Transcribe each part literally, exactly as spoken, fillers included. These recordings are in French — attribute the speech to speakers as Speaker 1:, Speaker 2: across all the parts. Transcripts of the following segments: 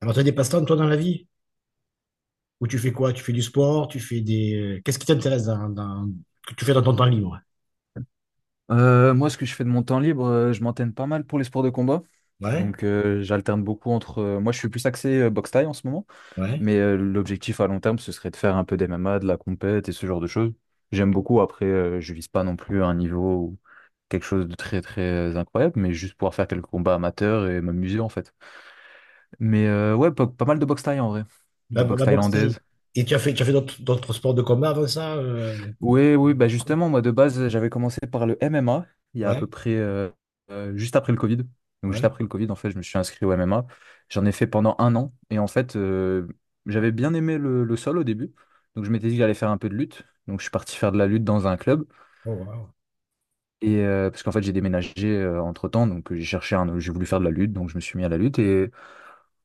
Speaker 1: Alors, tu as des passe-temps, toi, dans la vie? Ou tu fais quoi? Tu fais du sport? Tu fais des... euh, qu'est-ce qui t'intéresse dans, dans- que tu fais dans ton temps libre?
Speaker 2: Euh, moi, ce que je fais de mon temps libre, euh, je m'entraîne pas mal pour les sports de combat.
Speaker 1: Ouais,
Speaker 2: Donc, euh, j'alterne beaucoup entre... euh, moi, je suis plus axé euh, boxe thaï en ce moment,
Speaker 1: ouais.
Speaker 2: mais euh, l'objectif à long terme, ce serait de faire un peu d'M M A, de la compète et ce genre de choses. J'aime beaucoup. Après, euh, je vise pas non plus un niveau ou quelque chose de très très euh, incroyable, mais juste pouvoir faire quelques combats amateurs et m'amuser en fait. Mais euh, ouais, pas, pas mal de boxe thaï en vrai,
Speaker 1: La,
Speaker 2: de boxe
Speaker 1: la boxe thaï.
Speaker 2: thaïlandaise.
Speaker 1: Et tu as fait, tu as fait d'autres d'autres sports de combat avant ça? euh,
Speaker 2: Oui, oui, bah justement, moi de base, j'avais commencé par le M M A il y a à peu
Speaker 1: Ouais,
Speaker 2: près euh, euh, juste après le Covid. Donc juste
Speaker 1: ouais.
Speaker 2: après le Covid, en fait, je me suis inscrit au M M A. J'en ai fait pendant un an. Et en fait, euh, j'avais bien aimé le, le sol au début. Donc je m'étais dit que j'allais faire un peu de lutte. Donc je suis parti faire de la lutte dans un club.
Speaker 1: Oh, wow.
Speaker 2: Et euh, parce qu'en fait, j'ai déménagé euh, entre-temps. Donc euh, j'ai cherché un, j'ai voulu faire de la lutte. Donc je me suis mis à la lutte. Et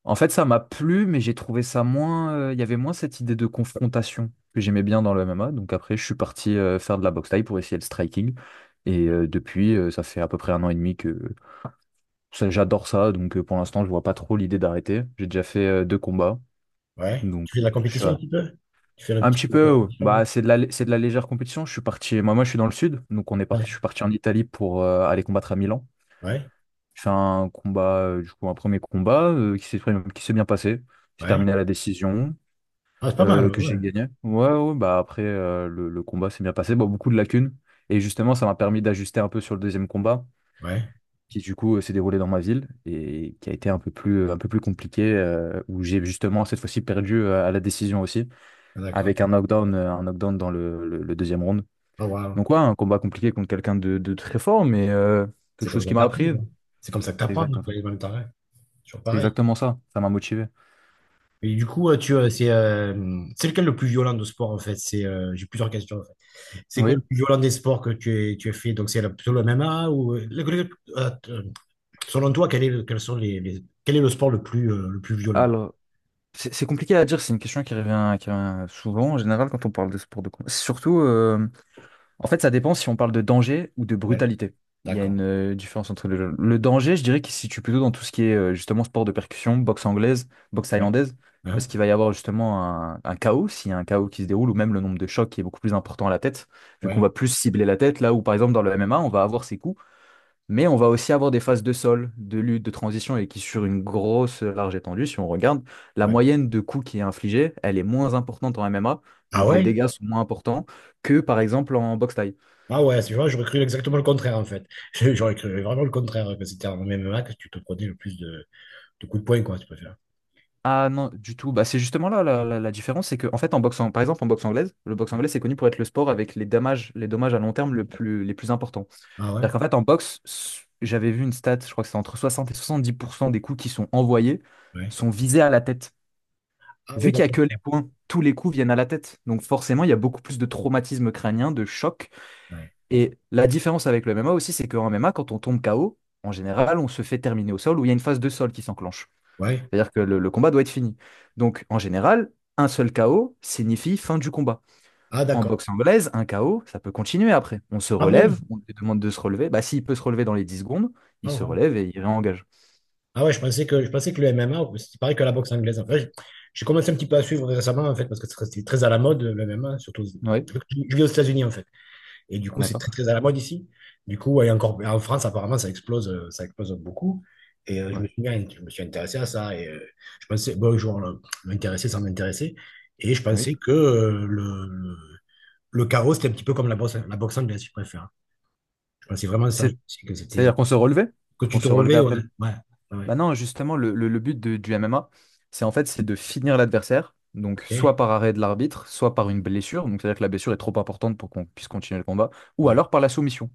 Speaker 2: en fait, ça m'a plu, mais j'ai trouvé ça moins... euh, Il y avait moins cette idée de confrontation que j'aimais bien dans le M M A. Donc après, je suis parti euh, faire de la boxe thaï pour essayer le striking. Et euh, depuis, euh, ça fait à peu près un an et demi que ça- j'adore ça. Donc euh, pour l'instant, je vois pas trop l'idée d'arrêter. J'ai déjà fait euh, deux combats.
Speaker 1: Ouais. Tu
Speaker 2: Donc
Speaker 1: fais de
Speaker 2: euh,
Speaker 1: la
Speaker 2: je suis
Speaker 1: compétition un
Speaker 2: à-
Speaker 1: petit peu? Tu fais un
Speaker 2: un
Speaker 1: petit
Speaker 2: petit
Speaker 1: peu de
Speaker 2: peu. euh,
Speaker 1: compétition?
Speaker 2: Bah, c'est de la, lé- c'est de la légère compétition. Je suis parti. Moi, moi, je suis dans le sud. Donc on est
Speaker 1: Hein. Ouais,
Speaker 2: parti, je suis parti en Italie pour euh, aller combattre à Milan.
Speaker 1: ouais,
Speaker 2: J'ai fait un combat, euh, du coup, un premier combat euh, qui s'est qui s'est bien passé. J'ai
Speaker 1: ouais.
Speaker 2: terminé à la décision,
Speaker 1: Ah, c'est pas
Speaker 2: euh,
Speaker 1: mal,
Speaker 2: que
Speaker 1: ouais.
Speaker 2: j'ai gagné. Ouais, ouais, bah après, euh, le, le combat s'est bien passé. Bon, beaucoup de lacunes. Et justement, ça m'a permis d'ajuster un peu sur le deuxième combat,
Speaker 1: Ouais,
Speaker 2: qui du coup euh, s'est déroulé dans ma ville et qui a été un peu plus, euh, un peu plus compliqué, euh, où j'ai justement cette fois-ci perdu euh, à la décision aussi,
Speaker 1: ah, d'accord.
Speaker 2: avec un knockdown, euh, un knockdown dans le, le- le deuxième round.
Speaker 1: Oh, wow.
Speaker 2: Donc ouais, un combat compliqué contre quelqu'un de, de très fort, mais euh, quelque
Speaker 1: C'est comme
Speaker 2: chose
Speaker 1: ça
Speaker 2: qui
Speaker 1: que
Speaker 2: m'a
Speaker 1: t'apprends,
Speaker 2: appris.
Speaker 1: quoi. C'est comme ça que
Speaker 2: C'est
Speaker 1: t'apprends,
Speaker 2: exactement ça.
Speaker 1: quoi, en même temps, ouais. Toujours
Speaker 2: C'est
Speaker 1: pareil.
Speaker 2: exactement ça. Ça m'a motivé.
Speaker 1: Et du coup, euh, tu, euh, c'est euh, c'est lequel le plus violent de sport en fait? C'est, euh, j'ai plusieurs questions en fait. C'est quoi le
Speaker 2: Oui.
Speaker 1: plus violent des sports que tu as, tu as fait? Donc c'est la- plutôt le M M A ou euh, le- le- euh, euh, selon toi, quel est le, quels sont les, les- quel est le sport le plus euh, le plus violent?
Speaker 2: alors C'est c'est compliqué à dire, c'est une question qui revient, qui revient souvent en général quand on parle de sport de combat. Surtout, euh, en fait, ça dépend si on parle de danger ou de
Speaker 1: Ouais,
Speaker 2: brutalité. Il y a
Speaker 1: d'accord.
Speaker 2: une euh, différence entre les deux. Le danger, je dirais qu'il se situe plutôt dans tout ce qui est euh, justement sport de percussion, boxe anglaise, boxe
Speaker 1: Ouais.
Speaker 2: thaïlandaise,
Speaker 1: Hein.
Speaker 2: parce qu'il va y avoir justement un, un chaos, s'il y a un chaos qui se déroule, ou même le nombre de chocs qui est beaucoup plus important à la tête, vu qu'on va
Speaker 1: Ouais.
Speaker 2: plus cibler la tête, là où par exemple dans le M M A, on va avoir ces coups. Mais on va aussi avoir des phases de sol, de lutte, de transition et qui, sur une grosse large étendue, si on regarde, la
Speaker 1: Ouais.
Speaker 2: moyenne de coups qui est infligée, elle est moins importante en M M A.
Speaker 1: Ah
Speaker 2: Donc les
Speaker 1: ouais?
Speaker 2: dégâts sont moins importants que, par exemple, en boxe thaï.
Speaker 1: Ah ouais, c'est vrai, j'aurais cru exactement le contraire en fait. J'aurais cru vraiment le contraire, que c'était en M M A que tu te prenais le plus de, de coups de poing, quoi, tu préfères.
Speaker 2: Ah non, du tout. Bah, c'est justement là la, la- la différence, c'est que, en fait, en boxe, en- par exemple, en boxe anglaise, le boxe anglaise, c'est connu pour être le sport avec les dommages, les dommages à long terme le plus, les plus importants.
Speaker 1: Ah ouais?
Speaker 2: C'est-à-dire qu'en fait, en boxe, s- j'avais vu une stat, je crois que c'est entre soixante et soixante-dix pour cent des coups qui sont envoyés
Speaker 1: Ouais.
Speaker 2: sont visés à la tête.
Speaker 1: Ah oui,
Speaker 2: Vu qu'il n'y a
Speaker 1: d'accord.
Speaker 2: que les points, tous les coups viennent à la tête. Donc forcément, il y a beaucoup plus de traumatisme crânien, de choc.
Speaker 1: Ouais.
Speaker 2: Et la différence avec le M M A aussi, c'est qu'en M M A, quand on tombe K O, en général, on se fait terminer au sol ou il y a une phase de sol qui s'enclenche.
Speaker 1: Ouais.
Speaker 2: C'est-à-dire que le, le combat doit être fini. Donc en général, un seul K O signifie fin du combat.
Speaker 1: Ah,
Speaker 2: En
Speaker 1: d'accord.
Speaker 2: boxe anglaise, un K O, ça peut continuer après. On se
Speaker 1: Ah bon?
Speaker 2: relève, on lui demande de se relever. Bah, s'il peut se relever dans les dix secondes, il
Speaker 1: Ah,
Speaker 2: se
Speaker 1: ouais.
Speaker 2: relève et il réengage.
Speaker 1: Ah ouais, je pensais que, je pensais que le M M A, c'est pareil que la boxe anglaise. En fait, j'ai j'ai commencé un petit peu à suivre récemment, en fait, parce que c'était très à la mode, le M M A, surtout.
Speaker 2: Oui,
Speaker 1: Je vis aux États-Unis, en fait. Et du coup, c'est
Speaker 2: d'accord.
Speaker 1: très, très à la mode ici. Du coup, et encore, en France, apparemment, ça explose, euh, ça explose beaucoup. Et euh, je
Speaker 2: Ouais.
Speaker 1: me suis, mis à- je me suis intéressé à ça. Et euh, je pensais, bon, genre, euh, m'intéresser sans m'intéresser. Et je
Speaker 2: Oui.
Speaker 1: pensais que euh, le, le, le chaos, c'était un petit peu comme la boxe, la boxe anglaise, si je préfère. Je pensais vraiment ça. Je
Speaker 2: C'est-
Speaker 1: pensais que c'était, euh,
Speaker 2: C'est-à-dire qu'on se relevait?
Speaker 1: que
Speaker 2: On
Speaker 1: tu te
Speaker 2: se relevait
Speaker 1: relevais, ouais.
Speaker 2: après le...
Speaker 1: Ouais,
Speaker 2: Bah
Speaker 1: ouais,
Speaker 2: non, justement, le, le- le but de- du M M A, c'est en fait, c'est de finir l'adversaire, donc
Speaker 1: ok.
Speaker 2: soit par arrêt de l'arbitre, soit par une blessure, donc c'est-à-dire que la blessure est trop importante pour qu'on puisse continuer le combat, ou
Speaker 1: Ouais.
Speaker 2: alors par la soumission.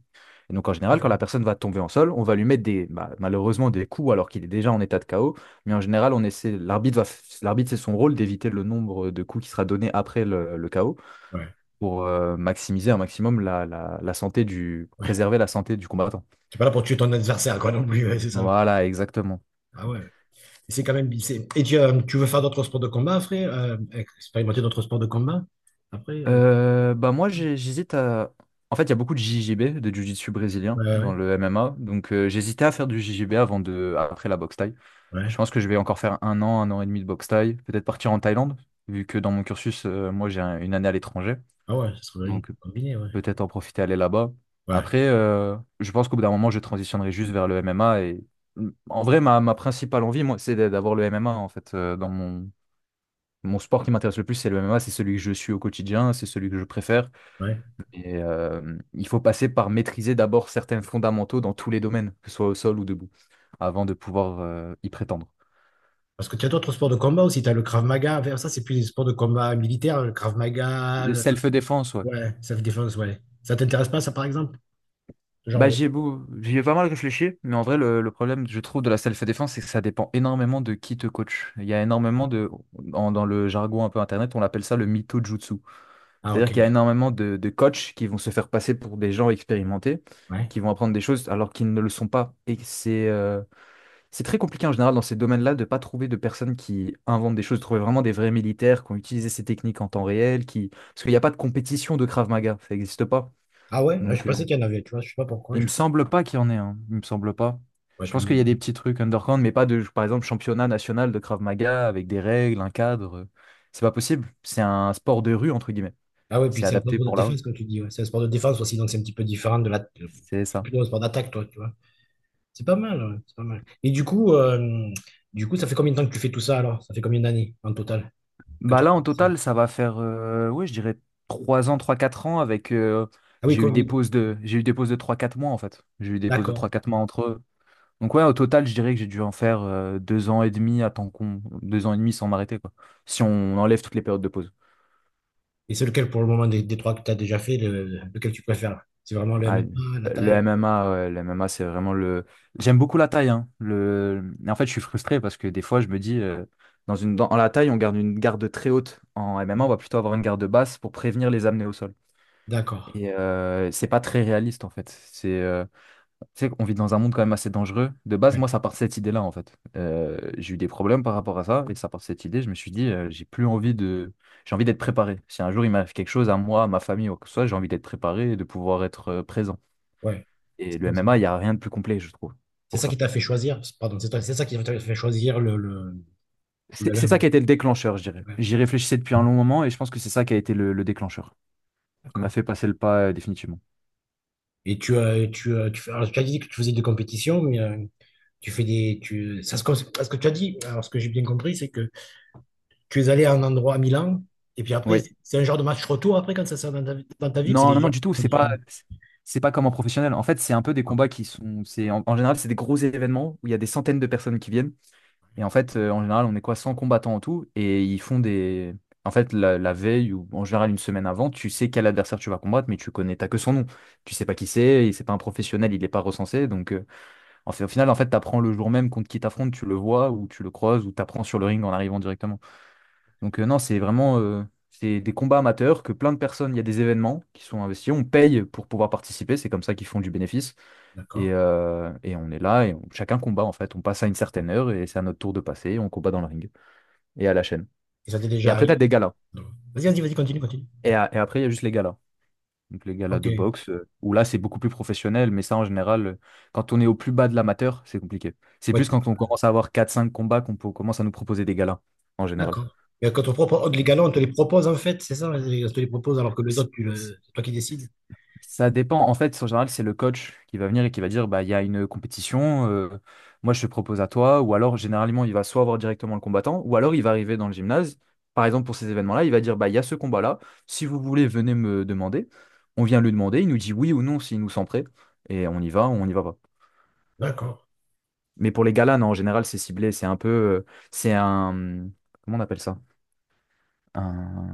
Speaker 2: Et donc en général, quand la personne va tomber en sol, on va lui mettre des, bah, malheureusement, des coups alors qu'il est déjà en état de K O, mais en général, on essaie, l'arbitre va, f- l'arbitre, c'est son rôle d'éviter le nombre de coups qui sera donné après le, le K O
Speaker 1: Ouais.
Speaker 2: pour euh, maximiser un maximum la, la la santé du,
Speaker 1: Ouais.
Speaker 2: préserver la santé du combattant.
Speaker 1: T'es pas là pour tuer ton adversaire, quoi, non plus, ouais, c'est ça.
Speaker 2: Voilà, exactement.
Speaker 1: Ah ouais, ouais. Et c'est quand même. c'est- Et tu, euh, tu veux faire d'autres sports de combat après? Euh, expérimenter d'autres sports de combat après? Euh,
Speaker 2: Euh, bah moi j'ai- j'hésite à... En fait, il y a beaucoup de J J B, de Jiu-Jitsu brésilien
Speaker 1: ouais, ouais,
Speaker 2: dans le M M A, donc euh, j'hésitais à faire du J J B avant de... après la boxe thaï. Je
Speaker 1: ouais.
Speaker 2: pense que je vais encore faire un an, un an et demi de boxe thaï, peut-être partir en Thaïlande, vu que dans mon cursus euh, moi j'ai un- une année à l'étranger,
Speaker 1: Ah ouais, ça serait bien
Speaker 2: donc
Speaker 1: combiné, ouais.
Speaker 2: peut-être en profiter aller là-bas.
Speaker 1: Ouais,
Speaker 2: Après euh, je pense qu'au bout d'un moment je transitionnerai juste vers le M M A et mm, en vrai ma, ma principale envie moi c'est d'avoir le M M A en fait euh, dans mon... Mon sport qui m'intéresse le plus, c'est le M M A, c'est celui que je suis au quotidien, c'est celui que je préfère.
Speaker 1: ouais.
Speaker 2: Et, euh, il faut passer par maîtriser d'abord certains fondamentaux dans tous les domaines, que ce soit au sol ou debout, avant de pouvoir euh, y prétendre.
Speaker 1: Parce que tu as d'autres sports de combat aussi. Tu as le Krav Maga, enfin, ça, c'est plus des sports de combat militaire. Le Krav Maga, le-
Speaker 2: Self-défense, ouais.
Speaker 1: ouais, self défense, ouais. Ça t'intéresse pas, ça, par exemple? Ce genre
Speaker 2: Bah,
Speaker 1: de.
Speaker 2: j'y ai, beau- j'y ai pas mal réfléchi, mais en vrai, le, le problème, je trouve, de la self-défense, c'est que ça dépend énormément de qui te coach. Il y a énormément de... en- Dans le jargon un peu internet, on appelle ça le mytho-jutsu.
Speaker 1: Ah, ok.
Speaker 2: C'est-à-dire qu'il y a énormément de, de coachs qui vont se faire passer pour des gens expérimentés,
Speaker 1: Ouais.
Speaker 2: qui vont apprendre des choses alors qu'ils ne le sont pas. Et c'est... euh, C'est très compliqué en général dans ces domaines-là de ne pas trouver de personnes qui inventent des choses, de trouver vraiment des vrais militaires qui ont utilisé ces techniques en temps réel, qui... parce qu'il n'y a pas de compétition de Krav Maga, ça n'existe pas.
Speaker 1: Ah ouais, ah, je
Speaker 2: Donc
Speaker 1: pensais
Speaker 2: euh,
Speaker 1: qu'il y en avait, tu vois. Je sais pas pourquoi.
Speaker 2: il me
Speaker 1: Je...
Speaker 2: semble pas qu'il y en ait, hein. Il me semble pas.
Speaker 1: Ouais,
Speaker 2: Je pense
Speaker 1: tu...
Speaker 2: qu'il y a des petits trucs underground, mais pas de, par exemple, championnat national de Krav Maga avec des règles, un cadre. euh, C'est pas possible. C'est un sport de rue, entre guillemets.
Speaker 1: ah ouais, puis
Speaker 2: C'est
Speaker 1: c'est un sport
Speaker 2: adapté
Speaker 1: de
Speaker 2: pour la rue.
Speaker 1: défense, comme tu dis, ouais. C'est un sport de défense aussi, donc c'est un petit peu différent de la... de-
Speaker 2: C'est ça.
Speaker 1: plutôt un sport d'attaque, toi, tu vois. C'est pas mal, ouais, c'est pas mal. Et du coup, euh, du coup, ça fait combien de temps que tu fais tout ça alors? Ça fait combien d'années en total que
Speaker 2: Bah
Speaker 1: tu as
Speaker 2: là, en
Speaker 1: commencé.
Speaker 2: total, ça va faire, euh, ouais, je dirais trois ans, trois quatre ans avec. euh,
Speaker 1: Ah oui,
Speaker 2: j'ai eu des
Speaker 1: Covid,
Speaker 2: pauses de, j'ai eu des pauses de trois quatre mois en fait. J'ai eu des pauses de trois
Speaker 1: d'accord.
Speaker 2: quatre mois entre eux. Donc ouais, au total, je dirais que j'ai dû en faire euh, deux ans et demi à temps con, deux ans et demi sans m'arrêter quoi. Si on enlève toutes les périodes de pause.
Speaker 1: Et c'est lequel pour le moment des, des trois que tu as déjà fait, le- lequel tu préfères? C'est vraiment le
Speaker 2: Ah,
Speaker 1: M M A, la
Speaker 2: le
Speaker 1: taille?
Speaker 2: M M A, ouais, le M M A, c'est vraiment le... J'aime beaucoup la taille, hein. Le... En fait, je suis frustré parce que des fois, je me dis... euh, Dans une, dans la taille, on garde une garde très haute. En M M A, on
Speaker 1: Oui.
Speaker 2: va plutôt avoir une garde basse pour prévenir les amener au sol.
Speaker 1: D'accord.
Speaker 2: Et euh, c'est pas très réaliste en fait. C'est, euh, tu sais, on vit dans un monde quand même assez dangereux. De base,
Speaker 1: Ouais,
Speaker 2: moi, ça part de cette idée-là en fait. Euh, j'ai eu des problèmes par rapport à ça et ça part de cette idée. Je me suis dit, euh, j'ai plus envie de, j'ai envie d'être préparé. Si un jour il m'arrive quelque chose à moi, à ma famille ou quoi que ce soit, j'ai envie d'être préparé et de pouvoir être euh, présent.
Speaker 1: ouais.
Speaker 2: Et
Speaker 1: C'est
Speaker 2: le
Speaker 1: comme ça.
Speaker 2: M M A, il y a rien de plus complet, je trouve,
Speaker 1: C'est
Speaker 2: pour
Speaker 1: ça
Speaker 2: ça.
Speaker 1: qui t'a fait choisir, pardon, c'est toi- c'est ça qui t'a fait choisir le, le, le
Speaker 2: C'est c'est ça qui a été le déclencheur, je dirais.
Speaker 1: M M A. Ouais,
Speaker 2: J'y réfléchissais depuis un long moment et je pense que c'est ça qui a été le, le déclencheur, qui m'a
Speaker 1: d'accord.
Speaker 2: fait passer le pas euh, définitivement.
Speaker 1: Et tu as, tu as, tu fais, alors, tu as dit que tu faisais des compétitions, mais euh, tu fais des, tu, ça se, cons- parce que tu as dit, alors ce que j'ai bien compris, c'est que tu es allé à un endroit à Milan, et puis après,
Speaker 2: Oui.
Speaker 1: c'est c'est un genre de match retour après quand ça sort dans ta, vie- dans ta vie, ou c'est
Speaker 2: Non,
Speaker 1: des
Speaker 2: non,
Speaker 1: gens
Speaker 2: non, du
Speaker 1: qui
Speaker 2: tout.
Speaker 1: sont
Speaker 2: C'est pas,
Speaker 1: différents.
Speaker 2: c'est pas comme en professionnel. En fait, c'est un peu des
Speaker 1: Ah,
Speaker 2: combats qui sont, c'est en, en général, c'est des gros événements où il y a des centaines de personnes qui viennent. Et en fait, euh, en général, on est quoi, cent combattants en tout. Et ils font des, en fait, la, la veille ou en général une semaine avant, tu sais quel adversaire tu vas combattre, mais tu connais, t'as que son nom. Tu sais pas qui c'est. Et c'est pas un professionnel, il est pas recensé. Donc, euh, en fait, au final, en fait, t'apprends le jour même contre qui t'affrontes, tu le vois ou tu le croises ou t'apprends sur le ring en arrivant directement. Donc euh, non, c'est vraiment euh, c'est des combats amateurs que plein de personnes, il y a des événements qui sont investis, on paye pour pouvoir participer, c'est comme ça qu'ils font du bénéfice. Et,
Speaker 1: d'accord.
Speaker 2: euh, et on est là et on- chacun combat en fait. On passe à une certaine heure et c'est à notre tour de passer, on combat dans le ring et à la chaîne.
Speaker 1: Et ça t'est
Speaker 2: Et
Speaker 1: déjà
Speaker 2: après, t'as
Speaker 1: arrivé?
Speaker 2: des galas.
Speaker 1: Non. Vas-y, vas-y, vas-y, continue, continue.
Speaker 2: Et, à- et après, il y a juste les galas. Donc les galas de
Speaker 1: Ok.
Speaker 2: boxe, euh, où là c'est beaucoup plus professionnel, mais ça en général, euh, quand on est au plus bas de l'amateur, c'est compliqué. C'est
Speaker 1: Ouais,
Speaker 2: plus quand on commence à avoir quatre cinq combats qu'on peut- commence à nous proposer des galas, en général.
Speaker 1: d'accord. Et quand on propose, les galons, on te les propose en fait, c'est ça? On te les propose alors que les autres, tu le- c'est toi qui décides.
Speaker 2: Ça dépend. En fait, en général, c'est le coach qui va venir et qui va dire, bah, il y a une compétition, euh, moi je te propose à toi. Ou alors, généralement, il va soit voir directement le combattant, ou alors il va arriver dans le gymnase. Par exemple, pour ces événements-là, il va dire, bah, il y a ce combat-là. Si vous voulez, venez me demander. On vient lui demander, il nous dit oui ou non s'il nous sent prêt. Et on y va ou on n'y va pas.
Speaker 1: D'accord.
Speaker 2: Mais pour les galas, non, en général, c'est ciblé. C'est un peu. euh, C'est un. Comment on appelle ça? Un,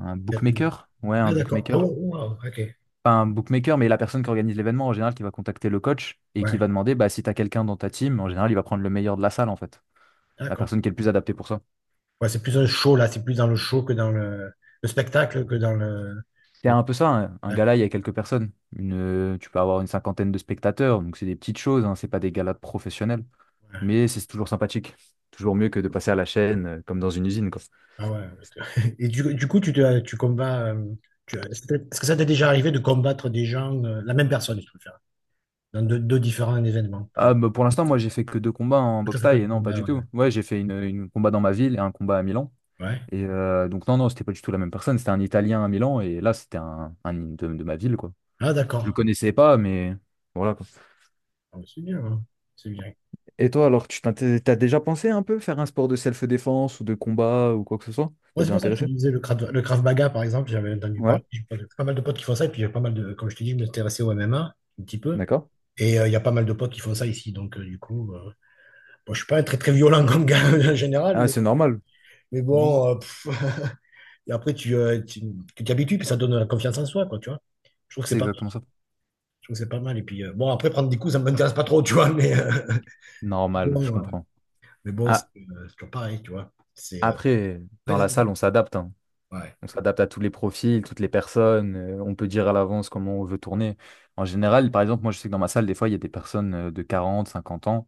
Speaker 2: un bookmaker? Ouais, un
Speaker 1: Ah, d'accord. Oh,
Speaker 2: bookmaker.
Speaker 1: wow, ok.
Speaker 2: Pas un bookmaker, mais la personne qui organise l'événement en général qui va contacter le coach et qui
Speaker 1: Ouais,
Speaker 2: va demander bah, si tu as quelqu'un dans ta team, en général, il va prendre le meilleur de la salle en fait. La
Speaker 1: d'accord.
Speaker 2: personne qui est le plus adaptée pour ça.
Speaker 1: Ouais, c'est plus un show, là. C'est plus dans le show que dans le, le spectacle, que dans le...
Speaker 2: C'est
Speaker 1: le-
Speaker 2: un peu ça, hein. Un
Speaker 1: ouais,
Speaker 2: gala, il y a quelques personnes. Une, euh, tu peux avoir une cinquantaine de spectateurs, donc c'est des petites choses, hein, c'est pas des galas de professionnels.
Speaker 1: ouais.
Speaker 2: Mais c'est toujours sympathique. Toujours mieux que de passer à la chaîne euh, comme dans une usine, quoi.
Speaker 1: Ah ouais. Et du, du coup, tu, te- tu combats... euh, tu- Est-ce que est-ce que ça t'est déjà arrivé de combattre des gens, euh, la même personne, je préfère, dans deux, deux différents événements, par
Speaker 2: Ah,
Speaker 1: exemple?
Speaker 2: bah, pour l'instant, moi, j'ai fait que deux combats en
Speaker 1: Tout à
Speaker 2: boxe
Speaker 1: fait que
Speaker 2: thaï, et
Speaker 1: du
Speaker 2: non, pas
Speaker 1: combat,
Speaker 2: du
Speaker 1: ouais.
Speaker 2: tout. Ouais, j'ai fait une, une combat dans ma ville et un combat à Milan.
Speaker 1: Ouais.
Speaker 2: Et euh, donc, non, non, c'était pas du tout la même personne. C'était un Italien à Milan et là, c'était un, un de, de ma ville, quoi.
Speaker 1: Ah,
Speaker 2: Je le
Speaker 1: d'accord.
Speaker 2: connaissais pas, mais voilà, quoi.
Speaker 1: Ah, c'est bien, hein. C'est bien.
Speaker 2: Et toi, alors, tu t'in- t'es- t'as déjà pensé un peu faire un sport de self-défense ou de combat ou quoi que ce soit? T'as
Speaker 1: Ouais, c'est
Speaker 2: déjà
Speaker 1: pour ça que je te
Speaker 2: intéressé?
Speaker 1: disais le Krav, le Krav, Maga, par exemple, j'avais entendu
Speaker 2: Ouais,
Speaker 1: parler, j'ai pas j'ai pas mal de potes qui font ça, et puis j'ai pas mal de, comme je te dis, je m'intéressais au M M A un petit peu,
Speaker 2: d'accord.
Speaker 1: et euh, il y a pas mal de potes qui font ça ici, donc euh, du coup, euh, bon, je suis pas un très très violent comme gars en général,
Speaker 2: Ah,
Speaker 1: mais,
Speaker 2: c'est normal.
Speaker 1: mais
Speaker 2: Oui,
Speaker 1: bon, euh, pff, et après tu euh, tu tu t'y habitues, puis ça donne la confiance en soi, quoi, tu vois. Je trouve que c'est
Speaker 2: c'est
Speaker 1: pas, je
Speaker 2: exactement ça.
Speaker 1: trouve que c'est pas mal, et puis euh, bon, après prendre des coups, ça m'intéresse pas trop, tu vois, mais euh,
Speaker 2: Normal, je
Speaker 1: bon, euh,
Speaker 2: comprends.
Speaker 1: mais bon, c'est
Speaker 2: Ah,
Speaker 1: euh, c'est toujours pareil, tu vois. C'est, euh,
Speaker 2: après,
Speaker 1: ouais,
Speaker 2: dans la salle, on s'adapte, hein.
Speaker 1: ouais,
Speaker 2: On s'adapte à tous les profils, toutes les personnes. euh, on peut dire à l'avance comment on veut tourner. En général, par exemple, moi, je sais que dans ma salle, des fois, il y a des personnes euh, de quarante, cinquante ans,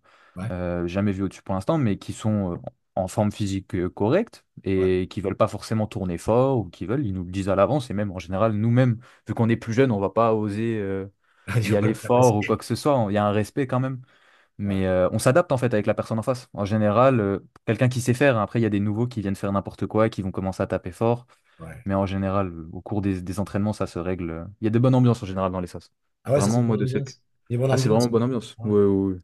Speaker 2: euh, jamais vues au-dessus pour l'instant, mais qui sont euh, en forme physique euh, correcte
Speaker 1: ouais,
Speaker 2: et qui veulent pas forcément tourner fort ou qui veulent, ils nous le disent à l'avance. Et même, en général, nous-mêmes, vu qu'on est plus jeunes, on va pas oser euh,
Speaker 1: ouais, tu
Speaker 2: y
Speaker 1: vas pas
Speaker 2: aller
Speaker 1: le tabasser,
Speaker 2: fort ou quoi que ce soit. Il y a un respect quand même.
Speaker 1: ouais,
Speaker 2: Mais euh, on s'adapte en fait avec la personne en face. En général, euh, quelqu'un qui sait faire, hein, après il y a des nouveaux qui viennent faire n'importe quoi, qui vont commencer à taper fort.
Speaker 1: ouais.
Speaker 2: Mais en général, euh, au cours des, des entraînements, ça se règle. euh. Il y a de bonnes ambiances en général dans les S A S.
Speaker 1: Ah ouais, ça c'est
Speaker 2: Vraiment,
Speaker 1: bonne
Speaker 2: moi, de cirque.
Speaker 1: ambiance. Il y a bonne
Speaker 2: Ah, c'est vraiment
Speaker 1: ambiance.
Speaker 2: bonne ambiance.
Speaker 1: Ah
Speaker 2: Ouais,
Speaker 1: ouais,
Speaker 2: ouais, ouais.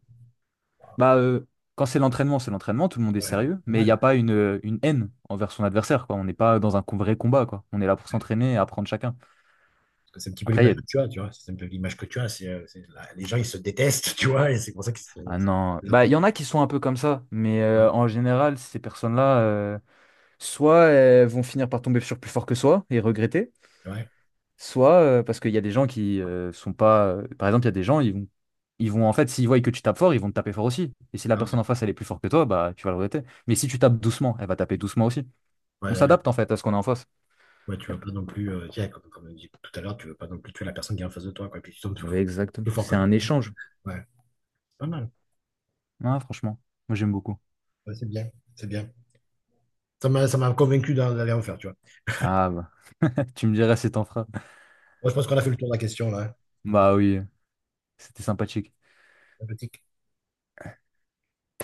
Speaker 1: ah,
Speaker 2: Bah, euh, quand c'est l'entraînement, c'est l'entraînement, tout le monde est
Speaker 1: ouais, ouais,
Speaker 2: sérieux, mais il n'y
Speaker 1: normal.
Speaker 2: a pas une, euh, une haine envers son adversaire, quoi. On n'est pas dans un co- vrai combat, quoi. On est là pour s'entraîner et apprendre chacun.
Speaker 1: Parce que c'est un petit peu
Speaker 2: Après, il y
Speaker 1: l'image
Speaker 2: a...
Speaker 1: que tu as, tu vois. C'est un peu l'image que tu as. C'est, euh, c'est la- les gens, ils se détestent, tu vois, et c'est pour ça que c'est-
Speaker 2: Ah non.
Speaker 1: les
Speaker 2: Bah,
Speaker 1: autres-
Speaker 2: il y en a qui sont un peu comme ça, mais euh,
Speaker 1: ouais,
Speaker 2: en général, ces personnes-là. euh, Soit elles vont finir par tomber sur plus fort que soi et regretter,
Speaker 1: ouais,
Speaker 2: soit euh, parce qu'il y a des gens qui euh, sont pas. euh, par exemple, il y a des gens, ils vont, ils vont en fait, s'ils voient que tu tapes fort, ils vont te taper fort aussi. Et si la
Speaker 1: ah ouais,
Speaker 2: personne en face, elle est plus forte que toi, bah tu vas le regretter. Mais si tu tapes doucement, elle va taper doucement aussi.
Speaker 1: ouais,
Speaker 2: On
Speaker 1: ouais.
Speaker 2: s'adapte en fait à ce qu'on a en face.
Speaker 1: Ouais, tu veux pas non plus, euh, tiens, comme, comme on dit tout à l'heure, tu veux pas non plus tuer la personne qui est en face de toi, quoi. Et puis tu tombes plus,
Speaker 2: Ouais, exactement.
Speaker 1: plus fort que
Speaker 2: C'est
Speaker 1: toi.
Speaker 2: un échange.
Speaker 1: Ouais, c'est pas mal.
Speaker 2: Ah, franchement, moi j'aime beaucoup.
Speaker 1: Ouais, c'est bien, c'est bien. Ça m'a, ça m'a convaincu d'en- d'aller en faire, tu vois.
Speaker 2: Ah bah, tu me diras si t'en feras.
Speaker 1: Moi, je pense qu'on a fait le tour de la question, là, hein.
Speaker 2: Bah oui, c'était sympathique.
Speaker 1: Sympathique.